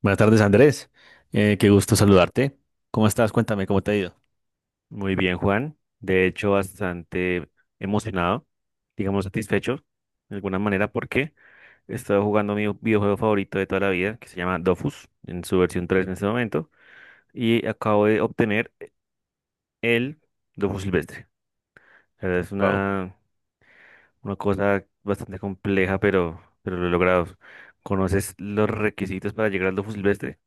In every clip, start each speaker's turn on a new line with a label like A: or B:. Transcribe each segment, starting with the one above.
A: Buenas tardes, Andrés. Qué gusto saludarte. ¿Cómo estás? Cuéntame, ¿cómo te ha ido?
B: Muy bien, Juan. De hecho, bastante emocionado, digamos satisfecho, de alguna manera, porque he estado jugando mi videojuego favorito de toda la vida, que se llama Dofus, en su versión 3 en este momento, y acabo de obtener el Dofus Silvestre. La verdad es
A: Wow.
B: una cosa bastante compleja, pero lo he logrado. ¿Conoces los requisitos para llegar al Dofus Silvestre?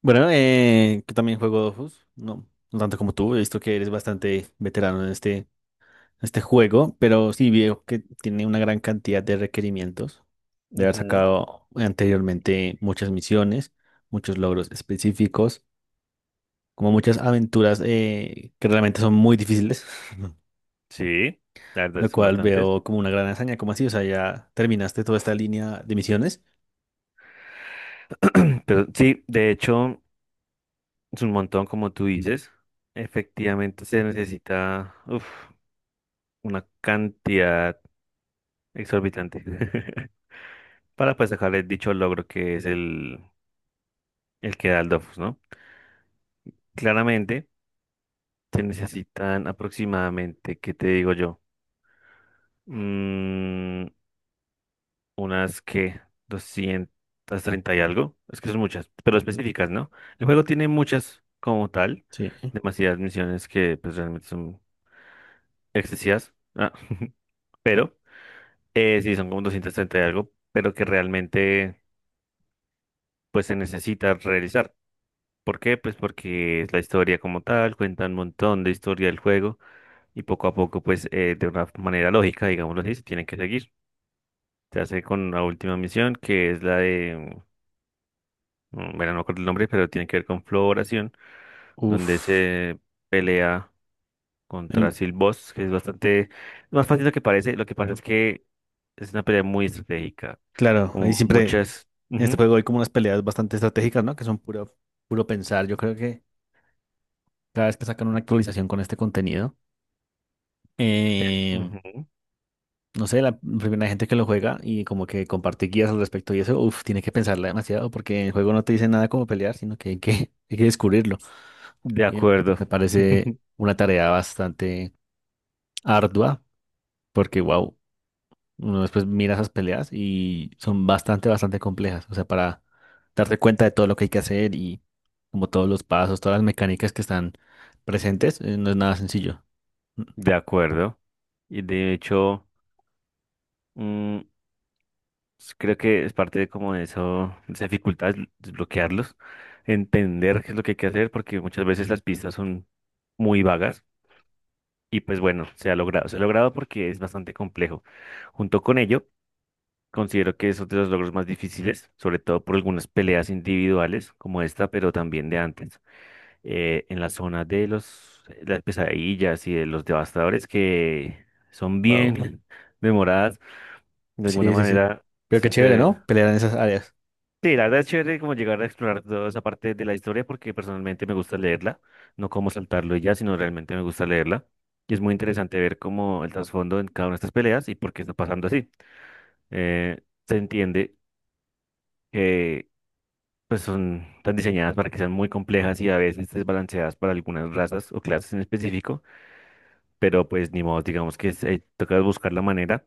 A: Bueno, yo también juego Dofus. No, no tanto como tú. He visto que eres bastante veterano en este juego, pero sí veo que tiene una gran cantidad de requerimientos. De haber
B: Ujú.
A: sacado anteriormente muchas misiones, muchos logros específicos, como muchas aventuras que realmente son muy difíciles,
B: Sí, la verdad
A: lo
B: son
A: cual
B: bastantes.
A: veo como una gran hazaña. ¿Cómo así? O sea, ya terminaste toda esta línea de misiones.
B: Pero sí, de hecho. Es un montón, como tú dices. Efectivamente, se necesita uf, una cantidad exorbitante para pues sacarle dicho logro que es el que da el Dofus, ¿no? Claramente, se necesitan aproximadamente, ¿qué te digo yo? Mm, unas que 230 y algo. Es que son muchas, pero específicas, ¿no? El juego tiene muchas como tal,
A: Sí.
B: demasiadas misiones que pues realmente son excesivas. Ah, pero. Sí, son como 230 y algo, pero que realmente pues se necesita realizar. ¿Por qué? Pues porque es la historia como tal, cuenta un montón de historia del juego y poco a poco pues de una manera lógica, digámoslo así, se tienen que seguir. Se hace con la última misión que es la de, bueno, no me acuerdo el nombre, pero tiene que ver con floración, donde
A: Uf,
B: se pelea contra
A: em,
B: Silboss, que es bastante más fácil de lo que parece. Lo que pasa es que es una pelea muy estratégica,
A: claro, ahí
B: como
A: siempre en
B: muchas.
A: este
B: Ujú,
A: juego hay como unas peleas bastante estratégicas, ¿no? Que son puro pensar. Yo creo que cada vez que sacan una actualización con este contenido, em,
B: ujú.
A: no sé, la primera gente que lo juega y como que comparte guías al respecto y eso, uf, tiene que pensarla demasiado porque el juego no te dice nada como pelear, sino que hay hay que descubrirlo.
B: De
A: Y me
B: acuerdo,
A: me parece una tarea bastante ardua porque, wow. Uno después mira esas peleas y son bastante complejas. O sea, para darte cuenta de todo lo que hay que hacer y como todos los pasos, todas las mecánicas que están presentes, no es nada sencillo.
B: de acuerdo. Y de hecho, mm, creo que es parte de como de eso, de esa dificultad, desbloquearlos, entender qué es lo que hay que hacer, porque muchas veces las pistas son muy vagas. Y pues bueno, se ha logrado porque es bastante complejo. Junto con ello, considero que es otro de los logros más difíciles, sobre todo por algunas peleas individuales como esta, pero también de antes. En la zona de las pesadillas y de los devastadores que son bien
A: Wow.
B: memoradas. De alguna
A: Sí, sí, sí.
B: manera,
A: Pero qué chévere,
B: se-
A: ¿no? Pelear en esas áreas.
B: sí, la verdad es chévere como llegar a explorar toda esa parte de la historia porque personalmente me gusta leerla, no como saltarlo y ya, sino realmente me gusta leerla. Y es muy interesante ver cómo el trasfondo en cada una de estas peleas y por qué está pasando así. Eh, Se entiende que pues son tan diseñadas para que sean muy complejas y a veces desbalanceadas para algunas razas o clases en específico, pero pues ni modo, digamos que toca buscar la manera.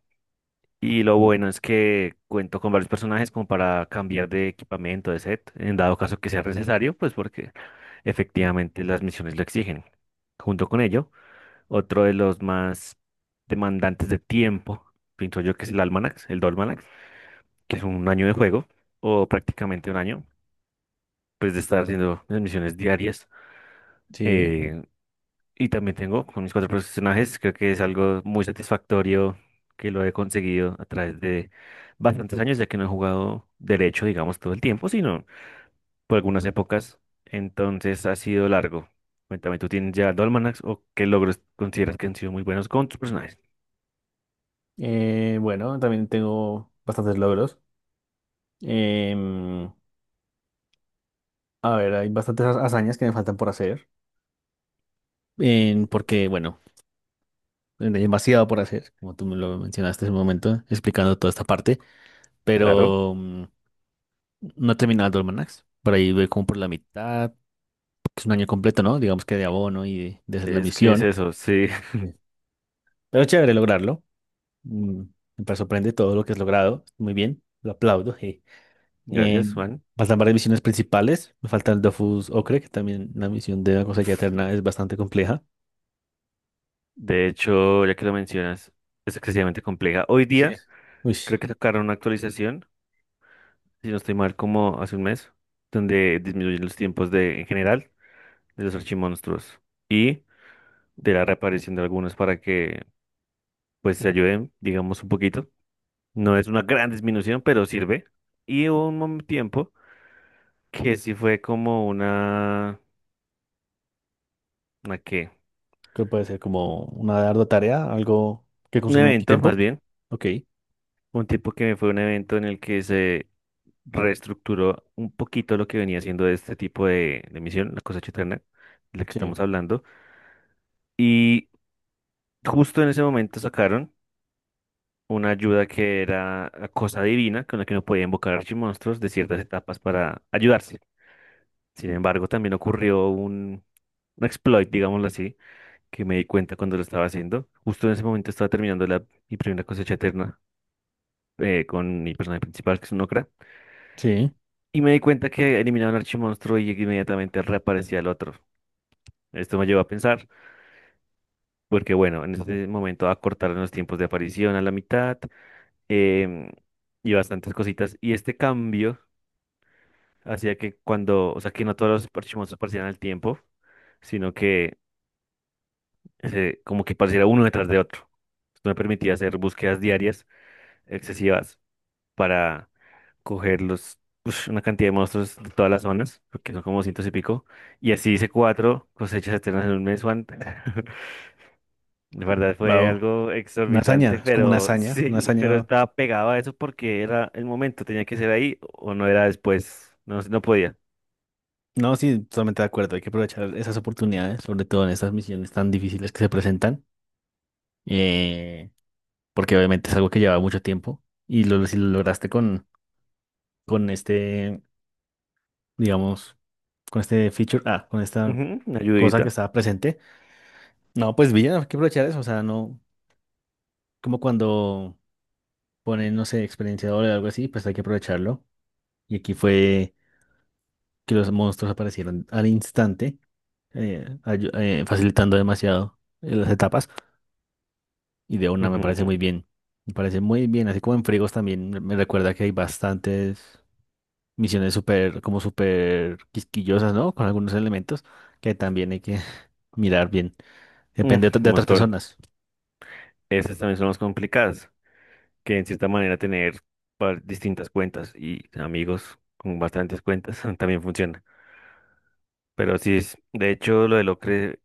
B: Y lo bueno es que cuento con varios personajes como para cambiar de equipamiento, de set, en dado caso que sea necesario, pues porque efectivamente las misiones lo exigen. Junto con ello, otro de los más demandantes de tiempo, pienso yo que es el Almanac, el Dolmanax, que es un año de juego, o prácticamente un año, pues de estar haciendo las misiones diarias.
A: Sí.
B: eh, Y también tengo con mis cuatro personajes, creo que es algo muy satisfactorio que lo he conseguido a través de bastantes años, ya que no he jugado derecho, digamos, todo el tiempo, sino por algunas épocas. Entonces ha sido largo. Cuéntame, ¿tú tienes ya Dolmanax o qué logros consideras que han sido muy buenos con tus personajes?
A: Bueno, también tengo bastantes logros. Em, a ver, hay bastantes hazañas que me faltan por hacer. Porque, bueno, hay demasiado por hacer, como tú me lo mencionaste en un momento, explicando toda esta parte.
B: Claro,
A: Pero no he terminado el Almanacs. Por ahí voy como por la mitad, porque es un año completo, ¿no? Digamos que de abono y de hacer la
B: es que es
A: misión.
B: eso, sí.
A: Sí. Pero chévere lograrlo. Mm, me sorprende todo lo que has logrado. Muy bien, lo aplaudo. Je. Eh,
B: Gracias, Juan.
A: faltan varias misiones principales. Me falta el Dofus Ocre, que también la misión de la cosecha eterna es bastante compleja.
B: De hecho, ya que lo mencionas, es excesivamente compleja. Hoy
A: Sí.
B: día
A: Uy,
B: creo que sacaron una actualización, si no estoy mal, como hace un mes, donde disminuyen los tiempos de, en general, de los archimonstruos y de la reaparición de algunos para que, pues, se ayuden, digamos, un poquito. No es una gran disminución, pero sirve. Y hubo un tiempo que sí fue como ¿una qué?
A: que puede ser como una ardua tarea, algo que
B: Un
A: consume mucho
B: evento, más
A: tiempo.
B: bien.
A: Ok.
B: Un tipo que fue un evento en el que se reestructuró un poquito lo que venía siendo este tipo de misión, la cosecha eterna, de la que
A: Sí,
B: estamos hablando. Y justo en ese momento sacaron una ayuda que era la cosa divina con la que uno podía invocar archimonstruos de ciertas etapas para ayudarse. Sin embargo, también ocurrió un exploit, digámoslo así, que me di cuenta cuando lo estaba haciendo. Justo en ese momento estaba terminando mi primera cosecha eterna con mi personaje principal, que es un Okra,
A: sí,
B: y me di cuenta que eliminaba un archimonstruo y inmediatamente reaparecía el otro. Esto me llevó a pensar, porque bueno, en ese momento acortaron los tiempos de aparición a la mitad, em, y bastantes cositas. Y este cambio hacía que cuando, o sea, que no todos los parchimosos aparecieran al tiempo, sino que como que pareciera uno detrás de otro. Esto me permitía hacer búsquedas diarias excesivas para coger una cantidad de monstruos de todas las zonas, porque son como cientos y pico. Y así hice cuatro cosechas eternas en un mes, Juan. De verdad fue
A: wow.
B: algo
A: Una
B: exorbitante,
A: hazaña, es como una
B: pero
A: hazaña, una
B: sí, pero
A: hazaña.
B: estaba pegado a eso porque era el momento, tenía que ser ahí o no era después, no, no podía.
A: No, sí, totalmente de acuerdo. Hay que aprovechar esas oportunidades, sobre todo en estas misiones tan difíciles que se presentan, eh, porque obviamente es algo que lleva mucho tiempo y lo, si lo lograste con este, digamos, con este feature, ah, con esta
B: Ujú, una
A: cosa que
B: ayudita.
A: estaba presente. No, pues bien, hay que aprovechar eso. O sea, no, como cuando ponen, no sé, experienciador o algo así, pues hay que aprovecharlo. Y aquí fue que los monstruos aparecieron al instante, facilitando demasiado las etapas. Y de una me parece muy bien. Me parece muy bien. Así como en Frigos también me recuerda que hay bastantes misiones súper, como súper quisquillosas, ¿no? Con algunos elementos que también hay que mirar bien.
B: Mm,
A: Depende de, de
B: un
A: otras
B: montón.
A: personas.
B: Esas también son las complicadas, que en cierta manera tener distintas cuentas y amigos con bastantes cuentas también funciona. Pero sí es, de hecho, lo de Locre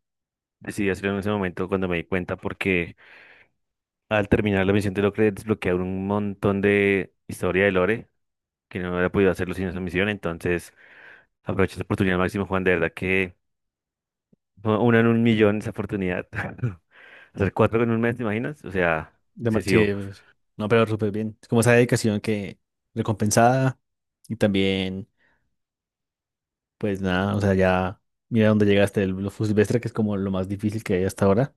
B: decidí hacerlo en ese momento cuando me di cuenta porque al terminar la misión de Locre desbloquearon un montón de historia de Lore que no había podido hacerlo sin esa misión. Entonces, aproveché esa oportunidad al máximo, Juan, de verdad que fue una en un millón esa oportunidad. Hacer cuatro en un mes, ¿te imaginas? O sea,
A: De
B: excesivo.
A: no, pero súper bien. Es como esa dedicación que recompensada y también, pues nada, o sea, ya mira dónde llegaste el Blue Silvestre, que es como lo más difícil que hay hasta ahora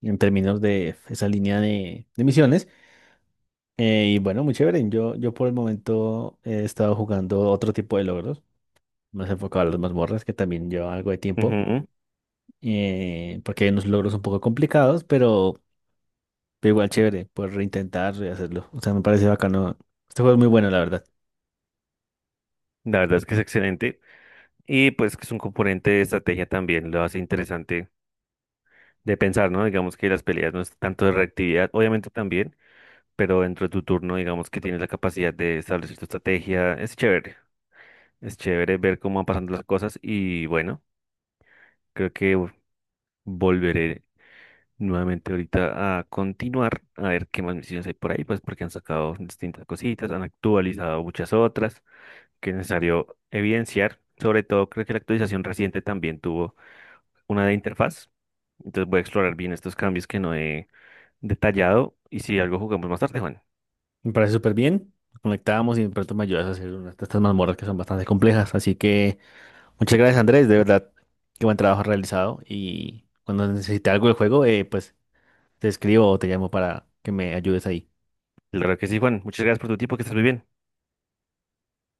A: en términos de esa línea de misiones. Y bueno, muy chévere. Yo por el momento he estado jugando otro tipo de logros, más enfocado a las mazmorras, que también lleva algo de tiempo,
B: Ujú.
A: porque hay unos logros un poco complicados, pero igual chévere, poder reintentar y hacerlo. O sea, me parece bacano. Este juego es muy bueno, la verdad.
B: La verdad es que es excelente. Y pues que es un componente de estrategia también, lo hace interesante de pensar, ¿no? Digamos que las peleas no es tanto de reactividad, obviamente también, pero dentro de tu turno, digamos que tienes la capacidad de establecer tu estrategia. Es chévere ver cómo van pasando las cosas y bueno, creo que volveré nuevamente ahorita a continuar, a ver qué más misiones hay por ahí, pues porque han sacado distintas cositas, han actualizado muchas otras que es necesario evidenciar. Sobre todo, creo que la actualización reciente también tuvo una de interfaz. Entonces voy a explorar bien estos cambios que no he detallado y si algo jugamos más tarde, Juan.
A: Me parece súper bien. Nos conectábamos y de pronto me ayudas a hacer unas de estas mazmorras que son bastante complejas. Así que muchas gracias, Andrés, de verdad. Qué buen trabajo has realizado. Y cuando necesite algo del juego, pues te escribo o te llamo para que me ayudes ahí.
B: Claro que sí, Juan. Muchas gracias por tu tiempo, que estés muy bien.